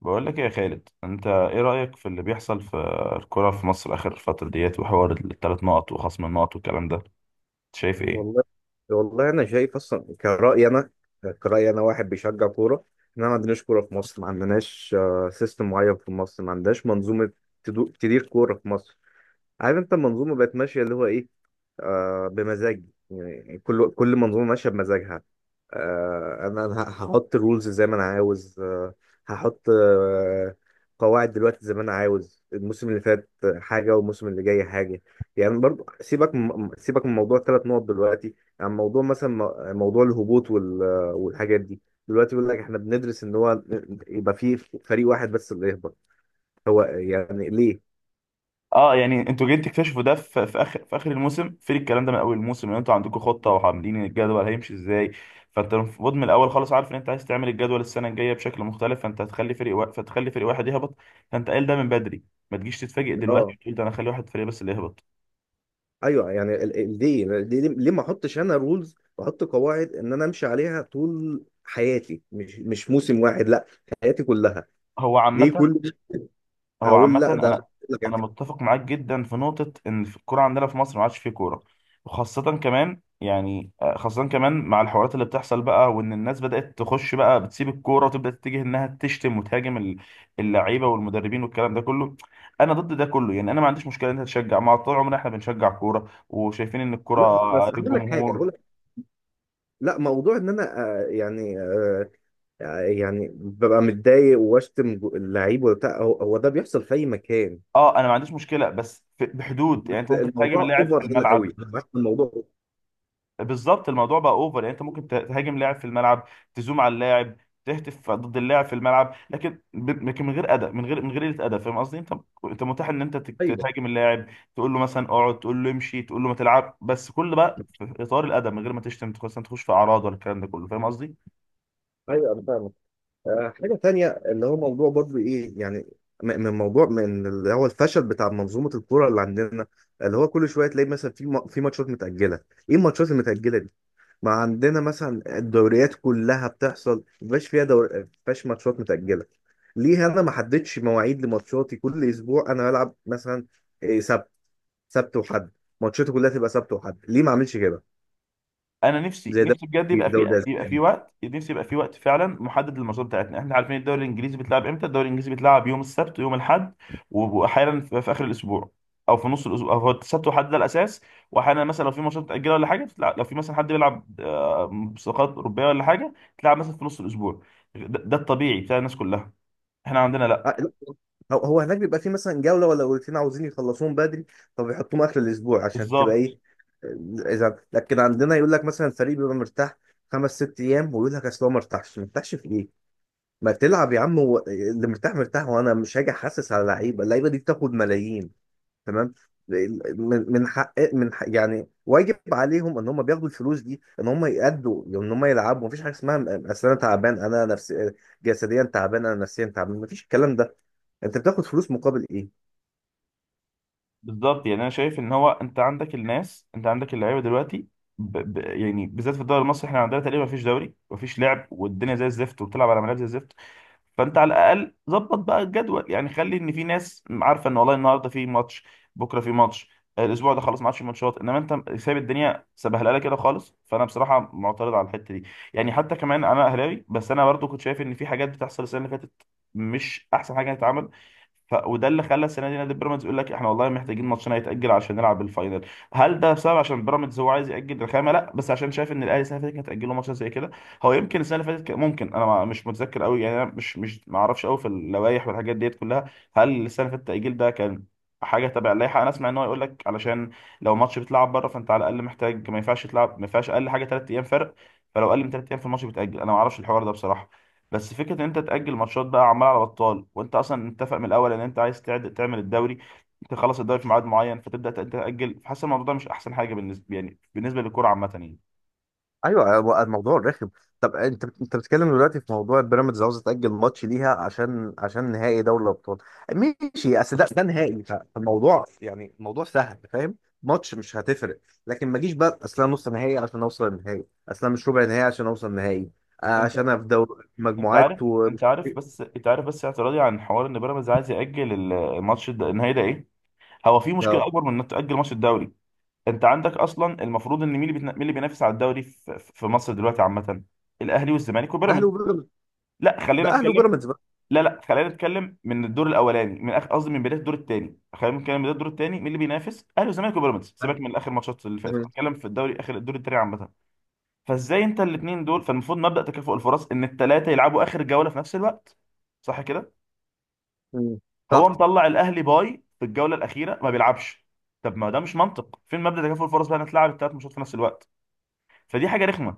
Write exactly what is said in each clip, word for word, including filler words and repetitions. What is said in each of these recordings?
بقول لك إيه يا خالد، انت ايه رأيك في اللي بيحصل في الكرة في مصر اخر الفترة ديت وحوار الثلاث نقط وخصم النقط والكلام ده؟ أنت شايف ايه؟ والله والله انا شايف اصلا كرأيي انا كرأيي انا واحد بيشجع كوره. ان انا ما عندناش كوره في مصر، ما عندناش سيستم معين في مصر، ما عندناش منظومه تدو- تدير كوره في مصر. عارف انت المنظومه بقت ماشيه اللي هو ايه؟ آه بمزاج. يعني كل كل منظومه ماشيه بمزاجها. آه انا أنا هحط رولز زي ما انا عاوز. آه هحط آه قواعد دلوقتي زي ما انا عاوز. الموسم اللي فات حاجه والموسم اللي جاي حاجه. يعني برضو سيبك من- سيبك من موضوع الثلاث نقط دلوقتي. عن موضوع مثلا م- موضوع الهبوط وال- والحاجات دي. دلوقتي بيقول لك احنا بندرس ان هو يبقى في فريق واحد بس اللي يهبط. هو يعني ليه؟ اه يعني انتوا جايين تكتشفوا ده في, في اخر في اخر الموسم. فين الكلام ده من اول الموسم ان انتوا عندكم خطة وعاملين الجدول هيمشي ازاي؟ فانت المفروض من الاول خالص عارف ان انت عايز تعمل الجدول السنة الجاية بشكل مختلف، فانت هتخلي فريق وا... فتخلي فريق واحد يهبط. فانت قايل ده من بدري، ما تجيش تتفاجئ اه. دلوقتي تقول ده انا اخلي واحد فريق بس اللي يهبط. ايوه يعني ال- ال- ليه ليه ليه ما احطش انا رولز واحط قواعد ان انا امشي عليها طول حياتي. مش مش موسم واحد، لا. حياتي كلها. هو ليه عامة كل هو اقول عامة لا أنا ده. أنا متفق معاك جدا في نقطة إن في الكورة عندنا في مصر ما عادش فيه كورة، وخاصة كمان يعني آه، خاصة كمان مع الحوارات اللي بتحصل بقى، وإن الناس بدأت تخش بقى بتسيب الكورة وتبدأ تتجه إنها تشتم وتهاجم ال- اللعيبة والمدربين والكلام ده كله. أنا ضد ده كله، يعني أنا ما عنديش مشكلة إن أنت تشجع، مع طول عمرنا إحنا بنشجع كورة وشايفين إن لا الكورة بس هقول لك حاجه. للجمهور. هقول لك لا، موضوع ان انا. آه، يعني آه، آه، يعني ببقى متضايق واشتم جو- اللعيب وبتاع. هو هو ده بيحصل في اي مكان. أه أنا ما عنديش مشكلة بس في- بحدود، بس يعني أنت ممكن تهاجم الموضوع اللاعب في اوفر هنا الملعب. قوي. الموضوع أوفر. بالظبط، الموضوع بقى اوفر، يعني انت ممكن ت- تهاجم لاعب في الملعب، تزوم على اللاعب، تهتف ضد اللاعب في الملعب، لكن ب- لكن من غير ادب، من غير من غير قله ادب، فاهم قصدي؟ انت انت متاح ان انت تك- ايوه. تهاجم اللاعب، تقول له مثلا اقعد، تقول له امشي، تقول له ما تلعب، بس كل بقى في اطار الادب من غير ما تشتم تخش تخش في اعراض ولا الكلام ده كله، فاهم قصدي؟ ايوه انا فاهم. آه، حاجة تانية اللي هو موضوع برضو إيه يعني. م- من موضوع من اللي هو الفشل بتاع منظومة الكورة اللي عندنا. اللي هو كل شوية تلاقي مثلا في م- في ماتشات متأجلة. إيه الماتشات المتأجلة دي؟ ما عندنا مثلا الدوريات كلها بتحصل مبقاش فيها دور، مبقاش ماتشات متأجلة. ليه أنا ما حددتش مواعيد لماتشاتي؟ كل أسبوع أنا بلعب مثلا إيه، سبت. سبت وحد. ماتشاتي كلها تبقى سبت وحد. ليه ما أعملش كده؟ انا نفسي زي ده نفسي بجد في يبقى الدوري في يبقى في الأسباني. وقت، نفسي يبقى في وقت فعلا محدد للماتشات بتاعتنا. احنا عارفين الدوري الانجليزي بيتلعب امتى، الدوري الانجليزي بيتلعب يوم السبت ويوم الاحد، واحيانا في في اخر الاسبوع او في نص الاسبوع، او هو السبت والاحد ده الاساس. واحيانا مثلا لو في ماتشات متاجله ولا حاجه بتلعب، لو في مثلا حد بيلعب آه، مسابقات اوروبيه ولا حاجه، تلعب مثلا في نص الاسبوع. ده, ده الطبيعي بتاع الناس كلها. احنا عندنا لا. آه، لا. هو هو هناك بيبقى فيه مثلا جولة ولا جولتين عاوزين يخلصوهم بدري. فبيحطوهم آخر الأسبوع عشان تبقى بالظبط إيه. آه، إذا لكن عندنا يقول لك مثلا فريق بيبقى مرتاح خمس ست أيام. ويقول لك أصل هو ما ارتاحش ما ارتاحش في إيه؟ ما تلعب يا عم. و... اللي مرتاح مرتاح وأنا مش هاجي أحسس على لعيبة اللعيبة دي بتاخد ملايين. تمام. من من حق من حق يعني واجب عليهم ان هم بياخدوا الفلوس دي، ان هم يأدوا، ان هم يلعبوا. مفيش حاجه اسمها م- اصل انا تعبان، انا نفسي جسديا تعبان، انا نفسيا تعبان. مفيش الكلام ده. انت بتاخد فلوس مقابل ايه؟ بالظبط، يعني انا شايف ان هو انت عندك الناس، انت عندك اللعيبه دلوقتي، ب... ب... يعني بالذات في الدوري المصري احنا عندنا تقريبا مفيش دوري مفيش لعب، والدنيا زي الزفت وبتلعب على ملاعب زي الزفت. فانت على الاقل ظبط بقى الجدول، يعني خلي ان في ناس عارفه ان والله النهارده في ماتش، بكره في ماتش، آه، الاسبوع ده خلاص ما عادش في ماتشات. انما انت سايب الدنيا سبهلله كده خالص، فانا بصراحه معترض على الحته دي. يعني حتى كمان انا اهلاوي، بس انا برضو كنت شايف ان في حاجات بتحصل السنه اللي فاتت مش احسن حاجه تتعمل. ف... وده اللي خلى السنه دي نادي بيراميدز يقول لك احنا والله محتاجين ماتشنا يتاجل عشان نلعب الفاينل. هل ده بسبب عشان بيراميدز هو عايز ياجل الخامه؟ لا، بس عشان شايف ان الاهلي السنه اللي فاتت كانت هتاجله ماتش زي كده. هو يمكن السنه اللي فاتت كان- ممكن انا ما- مش متذكر قوي، يعني انا مش مش ما اعرفش قوي في اللوائح والحاجات ديت كلها. هل السنه اللي فاتت التاجيل ده كان حاجه تبع اللائحه؟ انا اسمع ان هو يقول لك علشان لو ماتش بيتلعب بره فانت على الاقل محتاج، ما ينفعش تلعب، ما ينفعش اقل حاجه ثلاث ايام فرق، فلو اقل من ثلاث ايام في الماتش بتاجل. انا ما اعرفش الحوار ده بصراحه، بس فكره ان انت تاجل ماتشات بقى عمال على بطال وانت اصلا متفق من الاول ان انت عايز تعد تعمل الدوري، تخلص الدوري في ميعاد معين، فتبدا تأ- تاجل، فحاسس الموضوع ده مش احسن حاجه بالنسبه، يعني بالنسبه للكوره عامه يعني. ايوه، هو الموضوع رخم. طب انت انت بتتكلم دلوقتي في موضوع بيراميدز عاوز تاجل ماتش ليها عشان عشان نهائي دوري الابطال. ماشي. اصل ده ده نهائي. فالموضوع يعني الموضوع سهل فاهم. ماتش مش هتفرق. لكن ما جيش بقى اصل انا نص نهائي عشان اوصل النهائي، اصل انا مش ربع نهائي عشان اوصل نهائي. آه، انت عشان انا في دوري انت مجموعات عارف انت ومش. عارف بس انت عارف بس اعتراضي عن حوار ان بيراميدز عايز ياجل ال- الماتش الد- النهائي ده ايه. هو في لا، مشكله اكبر من انك تاجل ماتش الدوري. انت عندك اصلا، المفروض ان مين اللي بيتنا- مين اللي بينافس على الدوري في في مصر دلوقتي عامه؟ الاهلي والزمالك اهلي وبيراميدز. وبيراميدز. لا ده خلينا اهلي نتكلم. وبيراميدز بقى. لا لا خلينا نتكلم من الدور الاولاني، من اخر قصدي من بدايه الدور الثاني، خلينا نتكلم من بدايه الدور الثاني مين اللي بينافس؟ اهلي وزمالك وبيراميدز. سيبك أهلي. من اخر ماتشات اللي فاتت، تمام. هتكلم في الدوري اخر الدور الثاني عامه. فازاي انت الاثنين دول؟ فالمفروض مبدا تكافؤ الفرص ان الثلاثه يلعبوا اخر جوله في نفس الوقت، صح كده؟ مم. صح. هو مطلع الاهلي باي في الجوله الاخيره ما بيلعبش. طب ما ده مش منطق، فين مبدا تكافؤ الفرص بقى، إنك تلعب الثلاث ماتشات في نفس الوقت. فدي حاجه رخمه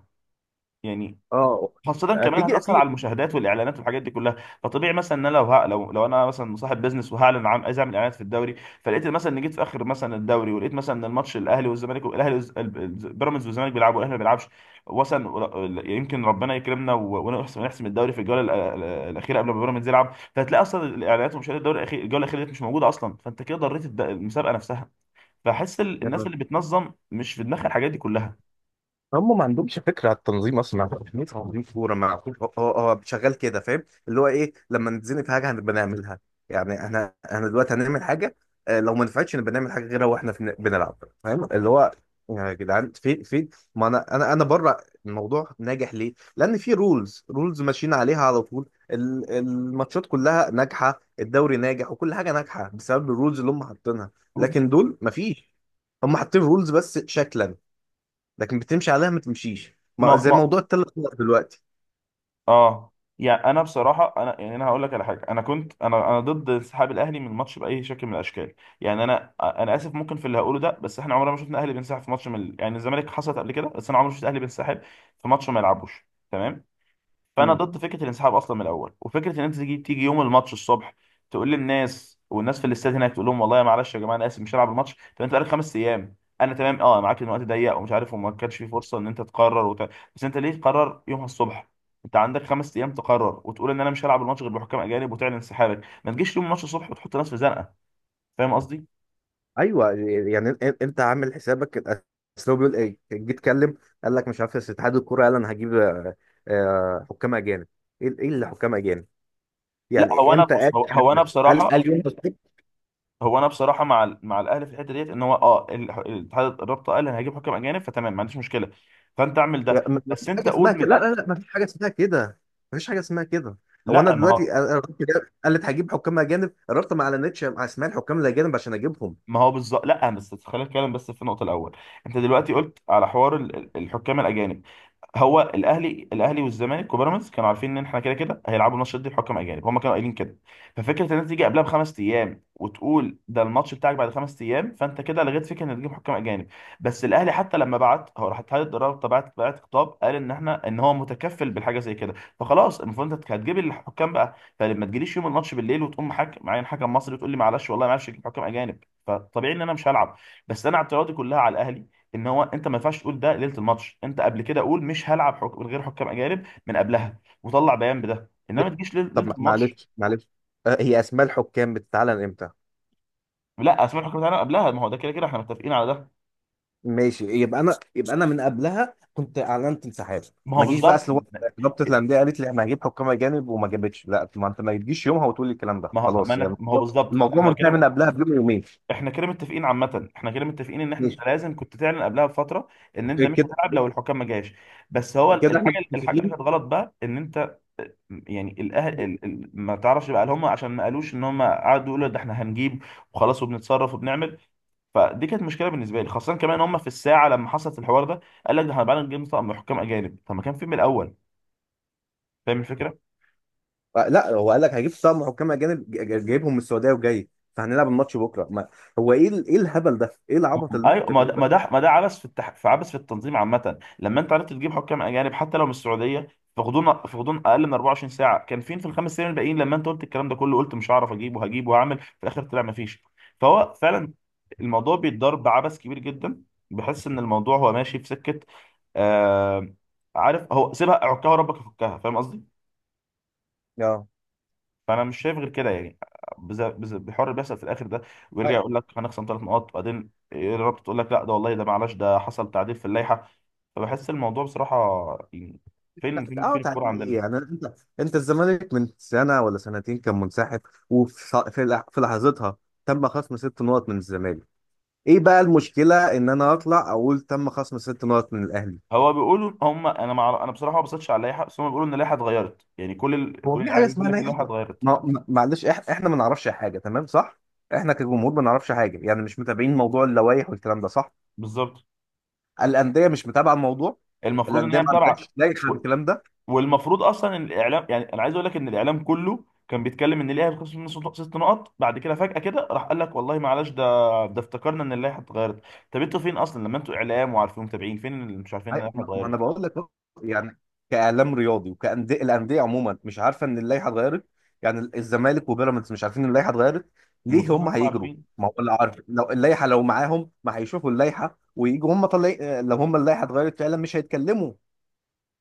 يعني، اه. خاصة كمان هتيجي هتأثر اكيد. على المشاهدات والإعلانات والحاجات دي كلها. فطبيعي مثلا إن أنا لو ه... لو لو أنا مثلا صاحب بيزنس وهعلن عن عايز أعمل إعلانات في الدوري، فلقيت مثلا إن جيت في آخر مثلا الدوري، ولقيت مثلا إن الماتش الأهلي والزمالك، الأهلي والز- ال- ال- بيراميدز والزمالك بيلعبوا والأهلي ما بيلعبش، مثلا ول- يمكن ربنا يكرمنا و- ونحسم نحسم الدوري في الجولة ال- ال- الأخيرة قبل ما بيراميدز يلعب، فهتلاقي أصلا الإعلانات ومشاهدات الدوري الأخير الجولة الأخيرة دي مش موجودة أصلا، فأنت كده ضريت الد- المسابقة نفسها، فحس ال- الناس اللي بتنظم مش في دماغها الحاجات دي كلها. هم ما عندهمش فكره على التنظيم اصلا، ما عندهمش فكرة تنظيم كوره، ما عندهمش. هو هو شغال كده. فاهم اللي هو ايه؟ لما نتزنق في حاجه هنبقى نعملها. يعني احنا احنا دلوقتي هنعمل حاجه. آه، لو ما نفعتش نبقى نعمل حاجه غيرها واحنا في- بنلعب. فاهم اللي هو يا جدعان؟ فين فين؟ ما انا انا انا بره. الموضوع ناجح ليه؟ لان في رولز رولز ماشيين عليها على طول. ال- الماتشات كلها ناجحه، الدوري ناجح، وكل حاجه ناجحه بسبب الرولز اللي هم حاطينها. لكن دول مفيش. هم حاطين رولز بس شكلا، لكن بتمشي عليها ما تمشيش. ما ما زي ما موضوع الثلاث نقط دلوقتي. اه يعني انا بصراحه، انا يعني انا هقول لك على حاجه، انا كنت انا انا ضد انسحاب الاهلي من الماتش باي شكل من الاشكال. يعني انا انا اسف ممكن في اللي هقوله ده، بس احنا عمرنا ما شفنا الاهلي بينسحب في ماتش من ال- يعني الزمالك حصلت قبل كده، بس انا عمري ما شفت الاهلي بينسحب في ماتش ما يلعبوش. تمام. فانا مم. ضد فكره الانسحاب اصلا من الاول، وفكره ان انت تيجي تيجي يوم الماتش الصبح تقول للناس، والناس في الاستاد هناك تقول لهم والله يا معلش يا جماعه انا اسف مش هلعب الماتش. طب انت بقالك خمس ايام. انا تمام اه معاك ان الوقت ضيق ومش عارف، وما كانش في فرصه ان انت تقرر وت... بس انت ليه تقرر يومها الصبح؟ انت عندك خمس ايام تقرر وتقول ان انا مش هلعب الماتش غير بحكام اجانب وتعلن انسحابك. ما تجيش يوم الماتش الصبح وتحط ناس في زنقه، فاهم قصدي؟ ايوه يعني إن- انت عامل حسابك ال-. اصل هو بيقول ايه جيت اتكلم؟ قال لك مش عارف، بس اتحاد الكوره قال انا هجيب آه، آه، حكام اجانب. ايه؟ إيه اللي حكام اجانب؟ لا هو يعني انا امتى قال بص، هو الكلام هو انا ده؟ قال قال بصراحه، يوم الخميس؟ هو انا بصراحه مع ال- مع الاهلي في الحته ديت ان هو اه ال- الاتحاد الرابطه قال انا هجيب حكم اجانب، فتمام ما عنديش مشكله. فانت اعمل لا، ده ما ما بس فيش انت حاجه اسمها قول من كده. لا الأ- لا لا. ما فيش حاجه اسمها كده. ما فيش حاجه اسمها كده. هو انا لا ما دلوقتي، هو، أنا- أنا رحت، جاب- قالت هجيب حكام اجانب، قررت ما اعلنتش مع اسماء الحكام الاجانب عشان اجيبهم. ما هو بالظبط. لا بس خلينا نتكلم بس في النقطه الاول. انت دلوقتي قلت على حوار ال- ال- الحكام الاجانب، هو الاهلي الاهلي والزمالك وبيراميدز كانوا عارفين ان احنا كده كده هيلعبوا الماتش ده بحكام اجانب، هم كانوا قايلين كده. ففكره ان انت تيجي قبلها بخمس ايام وتقول ده الماتش بتاعك بعد خمس ايام، فانت كده لغيت فكره ان تجيب حكام اجانب. بس الاهلي حتى لما بعت، هو راح اتحاد الرابطه بعت بعت خطاب، قال ان احنا ان هو متكفل بالحاجه زي كده. فخلاص المفروض انت هتجيب الحكام بقى، فلما تجيليش يوم الماتش بالليل وتقوم حاكم معين حكم مصري وتقول لي معلش والله معلش اجيب حكام اجانب، فطبيعي ان انا مش هلعب. بس انا اعتراضي كلها على الاهلي ان هو انت ما ينفعش تقول ده ليله الماتش. انت قبل كده قول مش هلعب حك... من غير حكام اجانب من قبلها، وطلع بيان بده، انما ما تجيش ليل- طب ليله ما- الماتش. معلش معلش. آه، هي اسماء الحكام بتتعلن امتى؟ لا اسمع الحكام بتاعنا قبلها، ما هو ده كده كده احنا متفقين على ده. ماشي. يبقى انا، يبقى انا من قبلها كنت اعلنت انسحاب. ما هو ما جيش بقى بالظبط. اصل هو رابطه الانديه قالت لي انا هجيب حكام اجانب وما جابتش. لا، ما انت ما تجيش يومها وتقول لي الكلام ده ما هو ما, خلاص. يعني أنا... ما هو الموضوع، بالظبط الموضوع احنا منتهي كده، من قبلها بيوم يومين. احنا كده متفقين عامه، احنا كده متفقين ان احنا ماشي انت لازم كنت تعلن قبلها بفتره ان انت مش كده، هتلعب لو الحكام ما جاش. بس هو كده احنا الحاجه الحاجه اللي متفقين. كانت غلط بقى ان انت، يعني الاهل ال- ال- ما تعرفش بقى هل هم عشان ما قالوش، ان هم قعدوا يقولوا ده احنا هنجيب وخلاص وبنتصرف وبنعمل. فدي كانت مشكله بالنسبه لي، خاصه كمان هم في الساعه لما حصلت الحوار ده قال لك ده احنا بقى نجيب طقم حكام اجانب، طب ما كان في من الاول، فاهم الفكره؟ آه، لا هو قال لك هجيب طقم حكام اجانب. ج- ج- جايبهم من السعوديه وجاي. فهنلعب الماتش بكره. ما هو ايه ال- ايه الهبل ده؟ ايه العبط م- اللي انتوا ايوه ما بتعملوه ده ما ده؟ ده ما ده عبث في التح... في عبث في التنظيم عامه. لما انت عرفت تجيب حكام اجانب حتى لو من السعوديه في غضون في غضون اقل من اربعة وعشرين ساعه، كان فين في الخمس سنين الباقيين لما انت قلت الكلام ده كله؟ قلت مش هعرف اجيب وهجيب وهعمل، في الاخر طلع ما فيش. فهو فعلا الموضوع بيتضرب بعبث كبير جدا. بحس ان الموضوع هو ماشي في سكه، آه... عارف، هو سيبها عكها وربك يفكها، فاهم قصدي؟ اه. فانا مش شايف غير كده يعني، بز- بز- بحوار اللي بيحصل في الاخر ده. ويرجع يقول لك هنخصم ثلاث نقاط، بعدين رابط تقول لك لا ده والله ده معلش ده حصل تعديل في اللائحه. فبحس الموضوع بصراحه يعني، لا. فين فين اه. فين الكوره تعديل ايه عندنا؟ يعني انت؟ انت الزمالك من سنه ولا سنتين كان منسحب. وفي ص- في لح- في لحظتها تم خصم ست نقط من الزمالك. ايه بقى المشكله ان انا اطلع اقول تم خصم ست نقط من الاهلي؟ هو بيقولوا هم، انا مع... انا بصراحه ما بصيتش على اللائحه، بس هم بيقولوا ان اللائحه اتغيرت، يعني كل ال... هو كل في حاجه الاعلاميين بيقول اسمها لا لك اللائحه يحضر. اتغيرت. ما ما- معلش إح- احنا ما نعرفش حاجه، تمام، صح. احنا كجمهور ما نعرفش حاجه، يعني مش متابعين موضوع اللوائح والكلام ده، صح. بالظبط الانديه مش متابعه الموضوع. المفروض ان الانديه هي ما متابعه، عندهاش لائحه بالكلام ده. والمفروض اصلا ان الاعلام، يعني انا عايز اقول لك ان الاعلام كله كان بيتكلم ان الاهلي هيتخصم منه ست ست نقط، بعد كده فجأة كده راح قال لك والله معلش ده، ده افتكرنا ان اللائحه اتغيرت. طب انتوا فين اصلا لما انتوا اعلام وعارفين متابعين، فين اللي مش عارفين ان أي- اللائحه ما ما انا اتغيرت؟ بقول لك أهو. يعني كاعلام رياضي وكانديه، الانديه عموما مش عارفه ان اللائحه اتغيرت. يعني ال- الزمالك وبيراميدز مش عارفين ان اللائحه اتغيرت. ليه المفروض هم انهم هيجروا؟ عارفين. ما هو اللي عارف لو اللائحه لو معاهم ما هيشوفوا اللائحه ويجوا هم طلع. لو هم اللائحه اتغيرت فعلا مش هيتكلموا.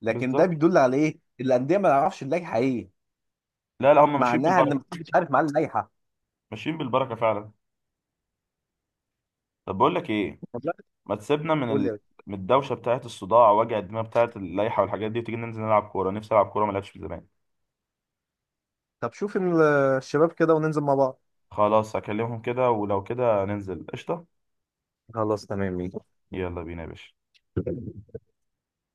لكن ده بالظبط. بيدل على ايه؟ الانديه ما تعرفش اللائحه ايه. لا لا، هم ماشيين معناها ان بالبركه، مش عارف معاه اللائحه. ماشيين بالبركه فعلا. طب بقول لك ايه، والله. ما تسيبنا من قول لي ال... يا باشا. من الدوشه بتاعت الصداع وجع الدماغ بتاعت اللائحه والحاجات دي، وتيجي ننزل نلعب كوره، نفسي العب كوره ما لعبتش من زمان. طب شوف ال-. الشباب كده وننزل مع بعض. خلاص هكلمهم كده ولو كده ننزل قشطه. خلاص تمام ماشي. يلا بينا يا باشا.